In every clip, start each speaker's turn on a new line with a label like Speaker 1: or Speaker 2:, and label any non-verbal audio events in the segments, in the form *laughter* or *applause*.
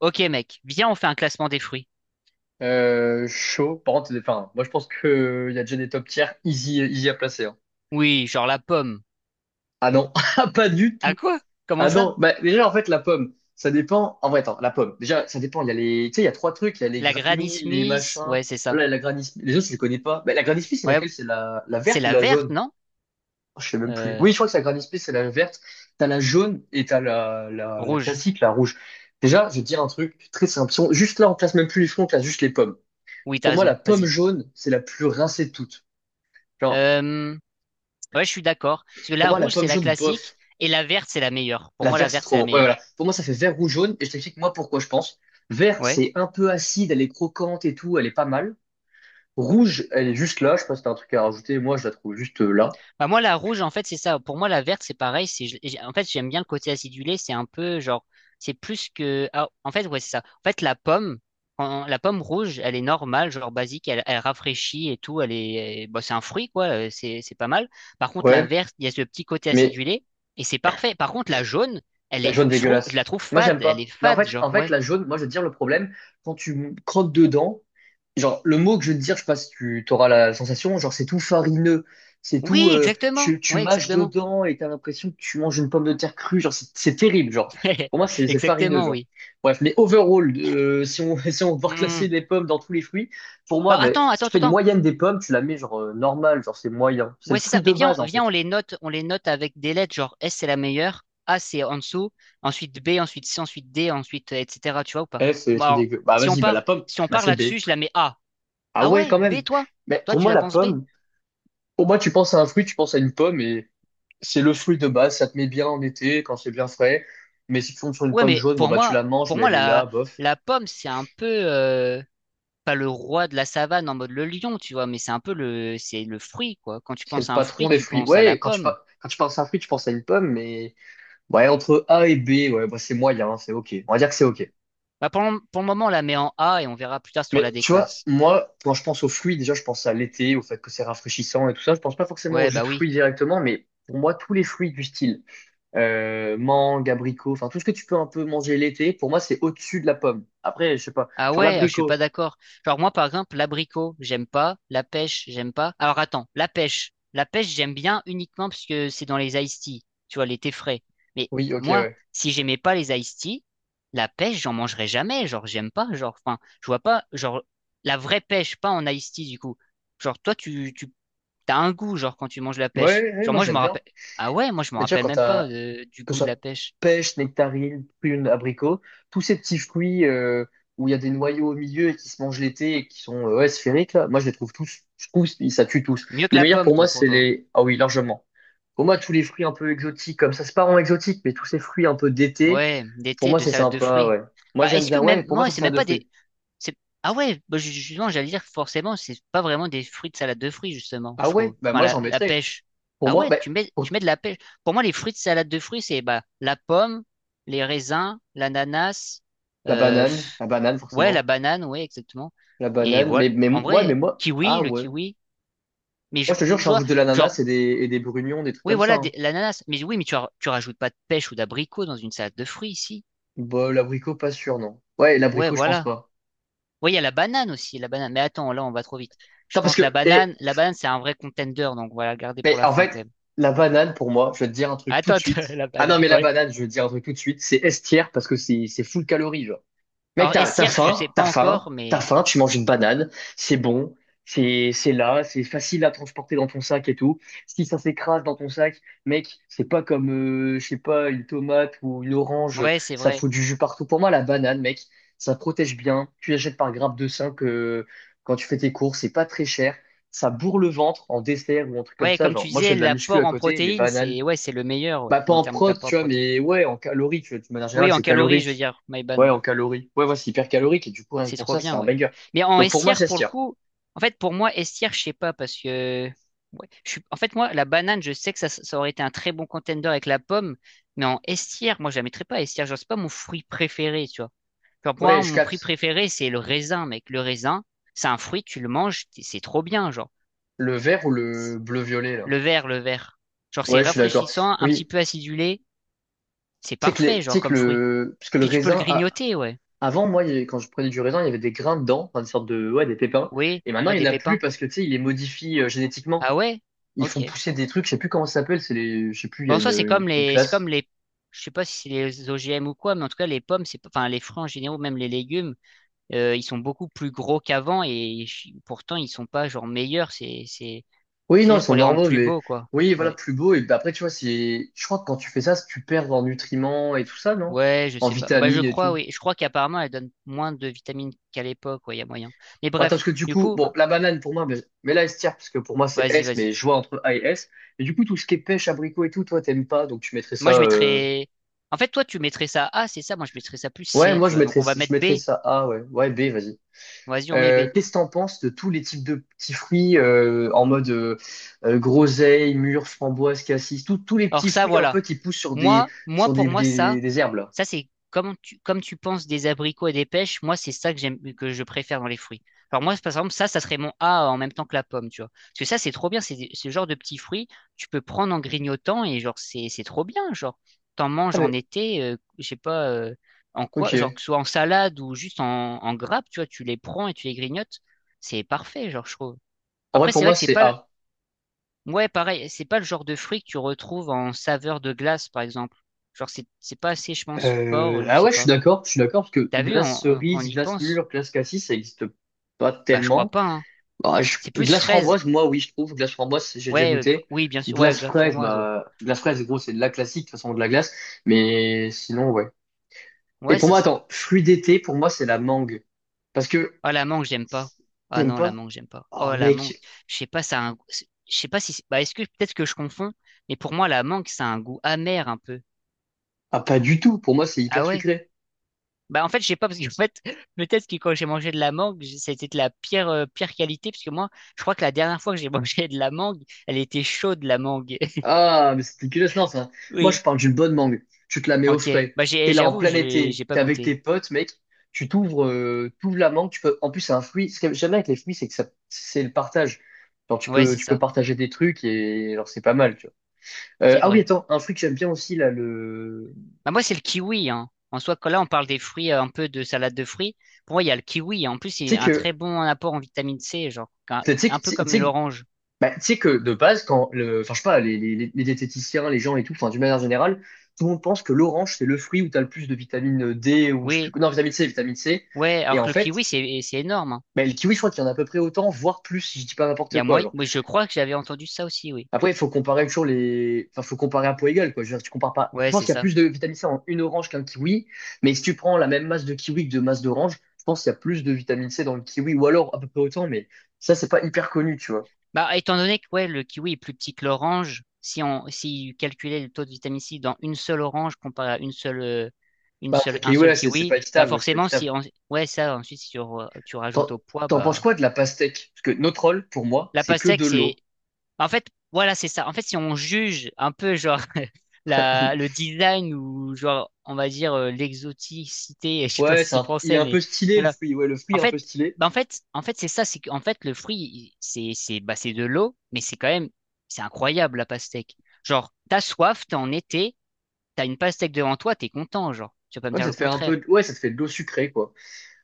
Speaker 1: Ok mec, viens on fait un classement des fruits.
Speaker 2: Chaud. Par contre, enfin, moi je pense qu'il y a déjà des top tiers easy, easy à placer, hein.
Speaker 1: Oui, genre la pomme.
Speaker 2: Ah non, *laughs* pas du
Speaker 1: À
Speaker 2: tout.
Speaker 1: quoi? Comment
Speaker 2: Ah
Speaker 1: ça?
Speaker 2: non, bah, déjà en fait la pomme, ça dépend. En vrai, attends, la pomme. Déjà, ça dépend. Il y a tu sais, il y a trois trucs. Il y a les
Speaker 1: La Granny
Speaker 2: granny, les
Speaker 1: Smith?
Speaker 2: machins.
Speaker 1: Ouais, c'est ça.
Speaker 2: Voilà, la granny Smith. Les autres, je les connais pas. Bah, la granny Smith, c'est
Speaker 1: Ouais,
Speaker 2: laquelle? C'est la
Speaker 1: c'est
Speaker 2: verte ou
Speaker 1: la
Speaker 2: la
Speaker 1: verte,
Speaker 2: jaune?
Speaker 1: non?
Speaker 2: Oh, je sais même plus.
Speaker 1: Euh,
Speaker 2: Oui, je crois que c'est la granny Smith, c'est la verte. T'as la jaune et t'as la
Speaker 1: Rouge.
Speaker 2: classique, la rouge. Déjà, je vais te dire un truc très simple. Si on- Juste là, on classe même plus les fruits, on classe juste les pommes.
Speaker 1: Oui, t'as
Speaker 2: Pour moi, la
Speaker 1: raison,
Speaker 2: pomme
Speaker 1: vas-y.
Speaker 2: jaune, c'est la plus rincée de toutes. Genre,
Speaker 1: Euh, ouais, je suis d'accord. Parce que
Speaker 2: pour
Speaker 1: la
Speaker 2: moi, la
Speaker 1: rouge, c'est
Speaker 2: pomme
Speaker 1: la
Speaker 2: jaune,
Speaker 1: classique,
Speaker 2: bof.
Speaker 1: et la verte, c'est la meilleure. Pour
Speaker 2: La
Speaker 1: moi, la
Speaker 2: verte, c'est
Speaker 1: verte, c'est
Speaker 2: trop
Speaker 1: la
Speaker 2: bon. Ouais, voilà.
Speaker 1: meilleure.
Speaker 2: Pour moi, ça fait vert ou jaune. Et je t'explique, moi, pourquoi je pense. Vert,
Speaker 1: Ouais.
Speaker 2: c'est un peu acide, elle est croquante et tout, elle est pas mal. Rouge, elle est juste là. Je sais pas si t'as un truc à rajouter. Moi, je la trouve juste là.
Speaker 1: Bah, moi, la rouge, en fait, c'est ça. Pour moi, la verte, c'est pareil. C'est, en fait, j'aime bien le côté acidulé. C'est un peu genre, c'est plus que. Ah, en fait, ouais, c'est ça. En fait, la pomme, la pomme rouge, elle est normale, genre basique. Elle, elle rafraîchit et tout. Elle est, bon, c'est un fruit, quoi. C'est pas mal. Par contre, la
Speaker 2: Ouais.
Speaker 1: verte, il y a ce petit côté
Speaker 2: Mais
Speaker 1: acidulé et c'est parfait. Par contre, la jaune, elle
Speaker 2: la
Speaker 1: est,
Speaker 2: jaune
Speaker 1: je trouve, je
Speaker 2: dégueulasse.
Speaker 1: la trouve
Speaker 2: Moi, j'aime
Speaker 1: fade. Elle est
Speaker 2: pas. Mais en
Speaker 1: fade,
Speaker 2: fait,
Speaker 1: genre,
Speaker 2: en fait,
Speaker 1: ouais.
Speaker 2: la jaune, moi, je veux te dire le problème, quand croques dedans, genre, le mot que je veux te dire, je sais pas si tu auras la sensation, genre, c'est tout farineux. C'est tout,
Speaker 1: Oui, exactement.
Speaker 2: tu
Speaker 1: Ouais,
Speaker 2: mâches
Speaker 1: exactement.
Speaker 2: dedans et t'as l'impression que tu manges une pomme de terre crue. Genre, c'est terrible, genre. Pour
Speaker 1: *laughs*
Speaker 2: moi, c'est farineux,
Speaker 1: Exactement,
Speaker 2: genre.
Speaker 1: oui.
Speaker 2: Bref, mais overall, si on, *laughs* si on veut reclasser
Speaker 1: Hmm.
Speaker 2: les pommes dans tous les fruits, pour moi,
Speaker 1: Bah,
Speaker 2: ben, si tu fais une
Speaker 1: attends.
Speaker 2: moyenne des pommes, tu la mets genre normale, genre c'est moyen. C'est
Speaker 1: Ouais,
Speaker 2: le
Speaker 1: c'est ça.
Speaker 2: fruit de
Speaker 1: Mais
Speaker 2: base, en
Speaker 1: viens,
Speaker 2: fait.
Speaker 1: on les note avec des lettres, genre S c'est la meilleure, A c'est en dessous, ensuite B, ensuite C, ensuite D, ensuite etc. Tu vois ou pas?
Speaker 2: F, c'est le
Speaker 1: Bon,
Speaker 2: trucs
Speaker 1: alors,
Speaker 2: dégueu. Bah, vas-y, bah, la pomme,
Speaker 1: si on
Speaker 2: bah,
Speaker 1: part
Speaker 2: c'est
Speaker 1: là-dessus,
Speaker 2: B.
Speaker 1: je la mets A.
Speaker 2: Ah
Speaker 1: Ah
Speaker 2: ouais,
Speaker 1: ouais,
Speaker 2: quand
Speaker 1: B
Speaker 2: même.
Speaker 1: toi?
Speaker 2: Mais
Speaker 1: Toi
Speaker 2: pour
Speaker 1: tu
Speaker 2: moi,
Speaker 1: la
Speaker 2: la
Speaker 1: penses B?
Speaker 2: pomme, pour moi, tu penses à un fruit, tu penses à une pomme et c'est le fruit de base. Ça te met bien en été quand c'est bien frais. Mais si tu tombes sur une
Speaker 1: Ouais,
Speaker 2: pomme
Speaker 1: mais
Speaker 2: jaune, bon, bah, tu la manges,
Speaker 1: pour
Speaker 2: mais
Speaker 1: moi
Speaker 2: elle est là, bof.
Speaker 1: la pomme c'est un peu pas le roi de la savane en mode le lion, tu vois, mais c'est un peu le c'est le fruit quoi. Quand tu
Speaker 2: C'est
Speaker 1: penses
Speaker 2: le
Speaker 1: à un
Speaker 2: patron
Speaker 1: fruit,
Speaker 2: des
Speaker 1: tu
Speaker 2: fruits.
Speaker 1: penses à la
Speaker 2: Ouais, quand
Speaker 1: pomme.
Speaker 2: quand tu penses à un fruit, tu penses à une pomme, mais ouais, entre A et B, ouais, bah, c'est moyen, hein, c'est OK. On va dire que c'est OK.
Speaker 1: Bah pour le moment, on la met en A et on verra plus tard si on
Speaker 2: Mais
Speaker 1: la
Speaker 2: tu vois,
Speaker 1: déclasse.
Speaker 2: moi, quand je pense aux fruits, déjà, je pense à l'été, au fait que c'est rafraîchissant et tout ça. Je pense pas forcément au
Speaker 1: Ouais,
Speaker 2: jus
Speaker 1: bah
Speaker 2: de fruits
Speaker 1: oui.
Speaker 2: directement, mais pour moi, tous les fruits du style, mangue, abricot, enfin tout ce que tu peux un peu manger l'été, pour moi c'est au-dessus de la pomme. Après, je sais pas,
Speaker 1: Ah
Speaker 2: genre
Speaker 1: ouais, ah, je suis pas
Speaker 2: l'abricot.
Speaker 1: d'accord. Genre moi par exemple, l'abricot, j'aime pas, la pêche, j'aime pas. Alors attends, la pêche. La pêche, j'aime bien uniquement parce que c'est dans les iced tea, tu vois, les thés frais. Mais
Speaker 2: Oui, ok,
Speaker 1: moi,
Speaker 2: ouais.
Speaker 1: si j'aimais pas les iced tea, la pêche, j'en mangerais jamais, genre j'aime pas, genre enfin, je vois pas genre la vraie pêche pas en iced tea du coup. Genre toi tu tu t'as un goût genre quand tu manges la pêche.
Speaker 2: Ouais,
Speaker 1: Genre
Speaker 2: moi
Speaker 1: moi je
Speaker 2: j'aime
Speaker 1: me
Speaker 2: bien.
Speaker 1: rappelle. Ah ouais, moi je me
Speaker 2: Mais tu vois,
Speaker 1: rappelle
Speaker 2: quand
Speaker 1: même pas
Speaker 2: t'as,
Speaker 1: du
Speaker 2: que ce
Speaker 1: goût de la
Speaker 2: soit
Speaker 1: pêche.
Speaker 2: pêche, nectarine, prune, abricot, tous ces petits fruits où il y a des noyaux au milieu et qui se mangent l'été et qui sont ouais, sphériques, là, moi je les trouve tous, ça tue tous.
Speaker 1: Mieux que
Speaker 2: Les
Speaker 1: la
Speaker 2: meilleurs
Speaker 1: pomme
Speaker 2: pour
Speaker 1: toi
Speaker 2: moi,
Speaker 1: pour
Speaker 2: c'est
Speaker 1: toi.
Speaker 2: les. Ah oui, largement. Pour moi, tous les fruits un peu exotiques, comme ça, c'est pas vraiment exotique, mais tous ces fruits un peu d'été,
Speaker 1: Ouais,
Speaker 2: pour
Speaker 1: d'été
Speaker 2: moi,
Speaker 1: de
Speaker 2: c'est
Speaker 1: salade de
Speaker 2: sympa,
Speaker 1: fruits.
Speaker 2: ouais. Moi,
Speaker 1: Bah,
Speaker 2: j'aime
Speaker 1: est-ce que
Speaker 2: bien, ouais,
Speaker 1: même,
Speaker 2: pour moi,
Speaker 1: moi,
Speaker 2: ça fait
Speaker 1: c'est
Speaker 2: ça
Speaker 1: même
Speaker 2: deux
Speaker 1: pas
Speaker 2: fruits.
Speaker 1: des, c'est, ah ouais, bah, justement, j'allais dire, forcément, c'est pas vraiment des fruits de salade de fruits, justement,
Speaker 2: Ah
Speaker 1: je trouve.
Speaker 2: ouais, bah
Speaker 1: Enfin,
Speaker 2: moi, j'en
Speaker 1: la
Speaker 2: mettrais.
Speaker 1: pêche.
Speaker 2: Pour
Speaker 1: Ah
Speaker 2: moi,
Speaker 1: ouais,
Speaker 2: bah, pour
Speaker 1: tu mets de la pêche. Pour moi, les fruits de salade de fruits, c'est, bah, la pomme, les raisins, l'ananas, euh, pff,
Speaker 2: la banane,
Speaker 1: ouais, la
Speaker 2: forcément,
Speaker 1: banane, ouais, exactement.
Speaker 2: la
Speaker 1: Et
Speaker 2: banane,
Speaker 1: voilà. En
Speaker 2: ouais, mais
Speaker 1: vrai,
Speaker 2: moi,
Speaker 1: kiwi,
Speaker 2: ah
Speaker 1: le
Speaker 2: ouais.
Speaker 1: kiwi. Mais
Speaker 2: Moi, je te jure,
Speaker 1: je
Speaker 2: je
Speaker 1: vois,
Speaker 2: rajoute de l'ananas
Speaker 1: genre,
Speaker 2: et des brugnons, des trucs
Speaker 1: oui,
Speaker 2: comme ça,
Speaker 1: voilà,
Speaker 2: hein.
Speaker 1: l'ananas. Mais oui, mais tu rajoutes pas de pêche ou d'abricot dans une salade de fruits ici.
Speaker 2: Bah, l'abricot, pas sûr, non. Ouais,
Speaker 1: Ouais,
Speaker 2: l'abricot, je pense
Speaker 1: voilà.
Speaker 2: pas.
Speaker 1: Oui, il y a la banane aussi, la banane. Mais attends, là, on va trop vite. Je
Speaker 2: Putain,
Speaker 1: pense la banane, c'est un vrai contender, donc voilà, garder pour
Speaker 2: mais
Speaker 1: la
Speaker 2: en
Speaker 1: fin quand
Speaker 2: fait,
Speaker 1: même.
Speaker 2: la banane, pour moi, je vais te dire un
Speaker 1: Ah,
Speaker 2: truc tout de
Speaker 1: attends,
Speaker 2: suite.
Speaker 1: *laughs* la
Speaker 2: Ah non,
Speaker 1: banane,
Speaker 2: mais la
Speaker 1: ouais.
Speaker 2: banane, je vais te dire un truc tout de suite, c'est estière parce que c'est full calories, genre. Mec,
Speaker 1: Alors, S-Hirsch, je sais pas encore,
Speaker 2: t'as
Speaker 1: mais
Speaker 2: faim, tu manges une banane, c'est bon, c'est là, c'est facile à transporter dans ton sac et tout. Si ça s'écrase dans ton sac, mec, c'est pas comme, je sais pas, une tomate ou une orange,
Speaker 1: ouais, c'est
Speaker 2: ça
Speaker 1: vrai.
Speaker 2: fout du jus partout. Pour moi, la banane, mec, ça protège bien. Tu achètes par grappe de 5 quand tu fais tes courses, c'est pas très cher. Ça bourre le ventre en dessert ou un truc comme
Speaker 1: Ouais,
Speaker 2: ça.
Speaker 1: comme
Speaker 2: Genre,
Speaker 1: tu
Speaker 2: moi, je
Speaker 1: disais,
Speaker 2: fais de la muscu
Speaker 1: l'apport
Speaker 2: à
Speaker 1: en
Speaker 2: côté, les
Speaker 1: protéines,
Speaker 2: bananes.
Speaker 1: c'est ouais, c'est le meilleur,
Speaker 2: Bah,
Speaker 1: ouais,
Speaker 2: pas
Speaker 1: en
Speaker 2: en
Speaker 1: termes
Speaker 2: prot,
Speaker 1: d'apport en
Speaker 2: tu vois,
Speaker 1: protéines.
Speaker 2: mais ouais, en calories, tu vois, de manière
Speaker 1: Oui,
Speaker 2: générale,
Speaker 1: en
Speaker 2: c'est
Speaker 1: calories, je veux
Speaker 2: calorique.
Speaker 1: dire, my bad.
Speaker 2: Ouais, en calories. Ouais, c'est hyper calorique et du coup, rien que
Speaker 1: C'est
Speaker 2: pour
Speaker 1: trop
Speaker 2: ça, c'est
Speaker 1: bien,
Speaker 2: un
Speaker 1: ouais.
Speaker 2: banger.
Speaker 1: Mais en
Speaker 2: Donc pour moi,
Speaker 1: estière,
Speaker 2: ça se
Speaker 1: pour le
Speaker 2: tient.
Speaker 1: coup, en fait, pour moi, estière, je sais pas, parce que. Ouais, je suis... En fait, moi, la banane, je sais que ça aurait été un très bon contender avec la pomme, mais en estière, moi, je la mettrais pas estière. Genre, c'est pas mon fruit préféré, tu vois. Genre, pour
Speaker 2: Ouais,
Speaker 1: moi,
Speaker 2: je
Speaker 1: mon fruit
Speaker 2: capte.
Speaker 1: préféré, c'est le raisin, mec. Le raisin, c'est un fruit, tu le manges, c'est trop bien, genre.
Speaker 2: Le vert ou le bleu-violet, là.
Speaker 1: Le vert. Genre, c'est
Speaker 2: Ouais, je suis d'accord.
Speaker 1: rafraîchissant, un petit
Speaker 2: Oui.
Speaker 1: peu acidulé, c'est
Speaker 2: Tu sais que, les-
Speaker 1: parfait,
Speaker 2: tu
Speaker 1: genre,
Speaker 2: sais que
Speaker 1: comme fruit.
Speaker 2: le. Parce que le
Speaker 1: Puis tu peux le
Speaker 2: raisin. A-
Speaker 1: grignoter, ouais.
Speaker 2: Avant, moi, quand je prenais du raisin, il y avait des grains dedans, enfin, des sortes de. Ouais, des pépins.
Speaker 1: Oui,
Speaker 2: Et maintenant,
Speaker 1: ouais,
Speaker 2: il n'y
Speaker 1: des
Speaker 2: en a plus
Speaker 1: pépins.
Speaker 2: parce que, tu sais, ils les modifient génétiquement.
Speaker 1: Ah ouais?
Speaker 2: Ils font
Speaker 1: Ok.
Speaker 2: pousser des trucs, je sais plus comment ça s'appelle, c'est les. Je sais plus, il y
Speaker 1: Bon,
Speaker 2: a
Speaker 1: en soi,
Speaker 2: une
Speaker 1: c'est comme
Speaker 2: classe.
Speaker 1: les, je sais pas si c'est les OGM ou quoi, mais en tout cas, les pommes, c'est, pas- enfin, les fruits en général, même les légumes, ils sont beaucoup plus gros qu'avant et pourtant, ils sont pas genre meilleurs.
Speaker 2: Oui,
Speaker 1: C'est
Speaker 2: non, ils
Speaker 1: juste
Speaker 2: sont
Speaker 1: pour les rendre
Speaker 2: normaux,
Speaker 1: plus
Speaker 2: mais.
Speaker 1: beaux, quoi.
Speaker 2: Oui, voilà,
Speaker 1: Ouais.
Speaker 2: plus beau. Et bah, après, tu vois, c'est. Je crois que quand tu fais ça, tu perds en nutriments et tout ça, non?
Speaker 1: Ouais, je
Speaker 2: En
Speaker 1: sais pas. Bah, je
Speaker 2: vitamines et
Speaker 1: crois,
Speaker 2: tout.
Speaker 1: oui. Je crois qu'apparemment, elles donnent moins de vitamines qu'à l'époque, ouais, il y a moyen. Mais
Speaker 2: Ouais, parce
Speaker 1: bref,
Speaker 2: que du
Speaker 1: du
Speaker 2: coup,
Speaker 1: coup,
Speaker 2: bon, la banane pour moi, mais là, elle se tire, parce que pour moi, c'est S, mais
Speaker 1: vas-y.
Speaker 2: je vois entre A et S. Mais du coup, tout ce qui est pêche, abricot et tout, toi, t'aimes pas, donc tu mettrais
Speaker 1: Moi,
Speaker 2: ça,
Speaker 1: je mettrais, en fait, toi, tu mettrais ça A, c'est ça. Moi, je mettrais ça plus
Speaker 2: ouais,
Speaker 1: C,
Speaker 2: moi,
Speaker 1: tu vois. Donc, on va
Speaker 2: je
Speaker 1: mettre
Speaker 2: mettrais
Speaker 1: B.
Speaker 2: ça A, ouais. Ouais, B, vas-y.
Speaker 1: Vas-y, on met B.
Speaker 2: Qu'est-ce que t'en penses de tous les types de petits fruits en mode groseille, mûre, framboise, cassis, tous les
Speaker 1: Or,
Speaker 2: petits
Speaker 1: ça,
Speaker 2: fruits un
Speaker 1: voilà.
Speaker 2: peu qui poussent sur des,
Speaker 1: Moi,
Speaker 2: des herbes, là?
Speaker 1: ça, c'est comme comme tu penses des abricots et des pêches, moi, c'est ça que j'aime, que je préfère dans les fruits. Alors moi, par exemple, ça serait mon A en même temps que la pomme, tu vois. Parce que ça, c'est trop bien, ce genre de petits fruits, tu peux prendre en grignotant et genre, c'est trop bien, genre. T'en
Speaker 2: Ah,
Speaker 1: manges en
Speaker 2: mais,
Speaker 1: été, je sais pas, en quoi, genre,
Speaker 2: ok.
Speaker 1: que ce soit en salade ou juste en, en grappe, tu vois, tu les prends et tu les grignotes, c'est parfait, genre, je trouve.
Speaker 2: En vrai,
Speaker 1: Après,
Speaker 2: pour
Speaker 1: c'est vrai
Speaker 2: moi,
Speaker 1: que c'est
Speaker 2: c'est
Speaker 1: pas.
Speaker 2: A.
Speaker 1: Ouais, pareil, c'est pas le genre de fruit que tu retrouves en saveur de glace, par exemple. Genre, c'est pas assez, je pense, fort, je
Speaker 2: Ah
Speaker 1: sais
Speaker 2: ouais,
Speaker 1: pas.
Speaker 2: je suis d'accord, parce que
Speaker 1: T'as vu,
Speaker 2: glace
Speaker 1: on
Speaker 2: cerise,
Speaker 1: y
Speaker 2: glace
Speaker 1: pense?
Speaker 2: mûre, glace cassis, ça existe pas
Speaker 1: Bah, je crois
Speaker 2: tellement.
Speaker 1: pas, hein. C'est plus
Speaker 2: Glace
Speaker 1: fraise.
Speaker 2: framboise, moi, oui, je trouve. Glace framboise, j'ai déjà
Speaker 1: Ouais, euh,
Speaker 2: goûté.
Speaker 1: oui, bien sûr. Ouais,
Speaker 2: Glace
Speaker 1: glace
Speaker 2: fraise,
Speaker 1: framboise, ouais.
Speaker 2: bah, glace fraise, gros, c'est de la classique, de toute façon, de la glace. Mais sinon, ouais. Et
Speaker 1: Ouais,
Speaker 2: pour
Speaker 1: c'est
Speaker 2: moi,
Speaker 1: ça.
Speaker 2: attends, fruit d'été, pour moi, c'est la mangue. Parce que,
Speaker 1: Ah, la mangue, j'aime pas. Ah
Speaker 2: t'aimes
Speaker 1: non, la
Speaker 2: pas?
Speaker 1: mangue, j'aime pas.
Speaker 2: Oh,
Speaker 1: Oh, la mangue.
Speaker 2: mec,
Speaker 1: Je sais pas, ça a un... Je sais pas si... Bah, est-ce que peut-être que je confonds, mais pour moi, la mangue, ça a un goût amer un peu.
Speaker 2: ah, pas du tout. Pour moi, c'est
Speaker 1: Ah
Speaker 2: hyper
Speaker 1: ouais?
Speaker 2: sucré.
Speaker 1: Bah en fait, je sais pas parce qu'en fait, *laughs* peut-être que quand j'ai mangé de la mangue, ça a été de la pire pire qualité parce que moi, je crois que la dernière fois que j'ai *laughs* mangé de la mangue, elle était chaude la mangue. *laughs*
Speaker 2: Ah, mais c'est dégueulasse, non, ça. Moi, je
Speaker 1: Oui.
Speaker 2: parle d'une bonne mangue. Tu te la mets au
Speaker 1: OK.
Speaker 2: frais.
Speaker 1: Bah
Speaker 2: T'es là en
Speaker 1: j'avoue,
Speaker 2: plein été.
Speaker 1: j'ai pas
Speaker 2: T'es avec tes
Speaker 1: goûté.
Speaker 2: potes, mec. Tu t'ouvres, t'ouvres la mangue. Tu peux, en plus, c'est un fruit. Ce que j'aime bien avec les fruits, c'est que ça, c'est le partage. Genre,
Speaker 1: Ouais, c'est
Speaker 2: tu peux
Speaker 1: ça.
Speaker 2: partager des trucs et genre, c'est pas mal, tu vois.
Speaker 1: C'est
Speaker 2: Ah oui,
Speaker 1: vrai.
Speaker 2: attends, un fruit que j'aime bien aussi, là, le,
Speaker 1: Bah moi, c'est le kiwi hein. En soi, quand là on parle des fruits un peu de salade de fruits, pour moi, il y a le kiwi en plus,
Speaker 2: tu
Speaker 1: c'est
Speaker 2: sais
Speaker 1: un très
Speaker 2: que,
Speaker 1: bon apport en vitamine C, genre
Speaker 2: tu sais que,
Speaker 1: un peu
Speaker 2: tu
Speaker 1: comme
Speaker 2: sais que
Speaker 1: l'orange.
Speaker 2: Bah, tu sais que de base, enfin, je sais pas, les diététiciens, les gens et tout, enfin, d'une manière générale, tout le monde pense que l'orange, c'est le fruit où tu as le plus de vitamine D ou je sais plus,
Speaker 1: Oui.
Speaker 2: quoi. Non, vitamine C.
Speaker 1: Ouais,
Speaker 2: Et
Speaker 1: alors
Speaker 2: en
Speaker 1: que le
Speaker 2: fait,
Speaker 1: kiwi c'est énorme. Hein.
Speaker 2: bah, le kiwi, je crois qu'il y en a à peu près autant, voire plus, si je dis pas
Speaker 1: Il y
Speaker 2: n'importe
Speaker 1: a
Speaker 2: quoi. Genre.
Speaker 1: moi je crois que j'avais entendu ça aussi, oui.
Speaker 2: Après, il faut comparer toujours les, enfin, faut comparer à poids égal, quoi. Je veux dire, si tu compares pas. Je
Speaker 1: Ouais,
Speaker 2: pense
Speaker 1: c'est
Speaker 2: qu'il y a
Speaker 1: ça.
Speaker 2: plus de vitamine C en une orange qu'un kiwi, mais si tu prends la même masse de kiwi que de masse d'orange, je pense qu'il y a plus de vitamine C dans le kiwi, ou alors à peu près autant, mais ça, c'est pas hyper connu, tu vois.
Speaker 1: Bah, étant donné que ouais, le kiwi est plus petit que l'orange, si calculait le taux de vitamine C dans une seule orange comparé à une
Speaker 2: Bah,
Speaker 1: seule
Speaker 2: ok,
Speaker 1: un seul
Speaker 2: ouais, c'est pas
Speaker 1: kiwi, bah
Speaker 2: équitable, ouais, c'est pas
Speaker 1: forcément si
Speaker 2: équitable.
Speaker 1: on, ouais ça ensuite si tu rajoutes
Speaker 2: T'en
Speaker 1: au poids
Speaker 2: t'en penses
Speaker 1: bah
Speaker 2: quoi de la pastèque? Parce que notre rôle, pour moi,
Speaker 1: la
Speaker 2: c'est que
Speaker 1: pastèque
Speaker 2: de
Speaker 1: c'est
Speaker 2: l'eau.
Speaker 1: en fait voilà c'est ça. En fait si on juge un peu genre *laughs* la le
Speaker 2: *laughs*
Speaker 1: design ou genre on va dire l'exoticité, *laughs* je sais pas
Speaker 2: Ouais,
Speaker 1: si c'est
Speaker 2: il est
Speaker 1: français
Speaker 2: un
Speaker 1: mais
Speaker 2: peu stylé, le
Speaker 1: voilà
Speaker 2: fruit. Ouais, le fruit
Speaker 1: en
Speaker 2: est un peu
Speaker 1: fait,
Speaker 2: stylé.
Speaker 1: c'est ça, c'est qu'en fait, c'est, bah, c'est de l'eau, mais c'est quand même, c'est incroyable, la pastèque. Genre, t'as soif, t'es en été, t'as une pastèque devant toi, t'es content, genre. Tu vas pas me
Speaker 2: Ouais,
Speaker 1: dire
Speaker 2: ça
Speaker 1: le
Speaker 2: te fait un peu,
Speaker 1: contraire.
Speaker 2: ouais, ça te fait de l'eau sucrée, quoi.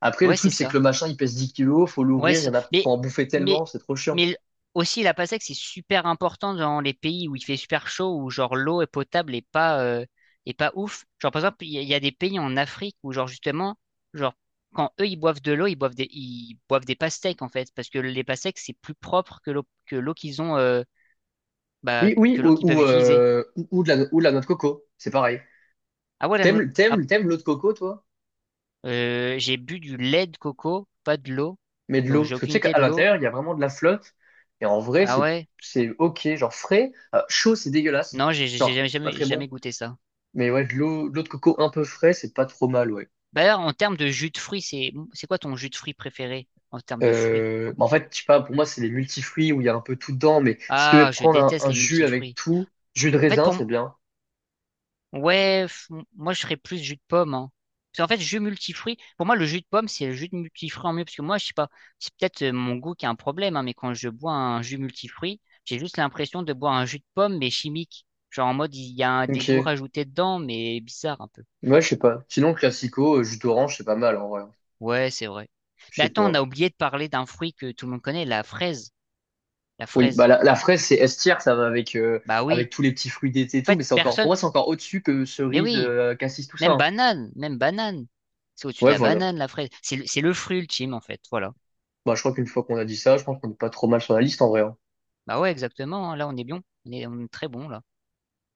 Speaker 2: Après, le
Speaker 1: Ouais, c'est
Speaker 2: truc, c'est que
Speaker 1: ça.
Speaker 2: le machin, il pèse dix kilos, faut
Speaker 1: Ouais,
Speaker 2: l'ouvrir, il y
Speaker 1: c'est-
Speaker 2: en a,
Speaker 1: mais,
Speaker 2: faut en bouffer
Speaker 1: mais,
Speaker 2: tellement, c'est trop chiant.
Speaker 1: mais aussi la PASEC, c'est super important dans les pays où il fait super chaud, où genre l'eau est potable et pas ouf. Genre par exemple, il y a des pays en Afrique où genre justement, genre quand eux ils boivent de l'eau, ils boivent des pastèques en fait, parce que les pastèques c'est plus propre que l'eau qu'ils ont, que l'eau qu'ils peuvent utiliser.
Speaker 2: Ou de la noix de coco, c'est pareil.
Speaker 1: Ah ouais, la no- ah,
Speaker 2: T'aimes l'eau de coco, toi?
Speaker 1: j'ai bu du lait de coco, pas de l'eau,
Speaker 2: Mais de
Speaker 1: donc
Speaker 2: l'eau.
Speaker 1: j'ai
Speaker 2: Parce que tu
Speaker 1: aucune
Speaker 2: sais
Speaker 1: idée
Speaker 2: qu'à
Speaker 1: de l'eau.
Speaker 2: l'intérieur, il y a vraiment de la flotte. Et en vrai,
Speaker 1: Ah ouais,
Speaker 2: c'est ok. Genre frais, chaud, c'est dégueulasse.
Speaker 1: non, j'ai
Speaker 2: Genre, c'est pas très bon.
Speaker 1: jamais goûté ça.
Speaker 2: Mais ouais, de l'eau de coco un peu frais, c'est pas trop mal, ouais.
Speaker 1: Bah, d'ailleurs, en termes de jus de fruits, c'est quoi ton jus de fruits préféré en termes de fruits?
Speaker 2: Bah en fait, je sais pas, pour moi, c'est les multifruits où il y a un peu tout dedans. Mais si tu veux
Speaker 1: Ah, je
Speaker 2: prendre
Speaker 1: déteste
Speaker 2: un
Speaker 1: les
Speaker 2: jus avec
Speaker 1: multifruits.
Speaker 2: tout, jus de
Speaker 1: En fait,
Speaker 2: raisin,
Speaker 1: pour m-
Speaker 2: c'est bien.
Speaker 1: ouais, f- moi je ferais plus jus de pomme. Hein. Parce qu'en fait, jus multifruits, pour moi le jus de pomme c'est le jus de multifruits en mieux. Parce que moi, je sais pas, c'est peut-être mon goût qui a un problème, hein, mais quand je bois un jus multifruits, j'ai juste l'impression de boire un jus de pomme mais chimique. Genre en mode il y a un- des goûts
Speaker 2: Ok.
Speaker 1: rajoutés dedans, mais bizarre un peu.
Speaker 2: Moi, je sais pas. Sinon, classico, jus d'orange, c'est pas mal, en vrai.
Speaker 1: Ouais, c'est vrai. Mais
Speaker 2: Je sais
Speaker 1: attends, on a
Speaker 2: pas.
Speaker 1: oublié de parler d'un fruit que tout le monde connaît, la fraise. La
Speaker 2: Oui, bah
Speaker 1: fraise.
Speaker 2: la fraise, c'est S tier, ça va avec,
Speaker 1: Bah
Speaker 2: avec
Speaker 1: oui.
Speaker 2: tous les petits fruits d'été et
Speaker 1: En
Speaker 2: tout, mais
Speaker 1: fait,
Speaker 2: pour
Speaker 1: personne.
Speaker 2: moi, c'est encore au-dessus que
Speaker 1: Mais
Speaker 2: cerise,
Speaker 1: oui,
Speaker 2: cassis, tout ça, hein.
Speaker 1: même banane. C'est au-dessus de
Speaker 2: Ouais,
Speaker 1: la
Speaker 2: voilà.
Speaker 1: banane, la fraise. C'est le fruit ultime, en fait. Voilà.
Speaker 2: Bah, je crois qu'une fois qu'on a dit ça, je pense qu'on est pas trop mal sur la liste en vrai, hein.
Speaker 1: Bah ouais, exactement. Hein. Là, on est bien. On est très bon, là.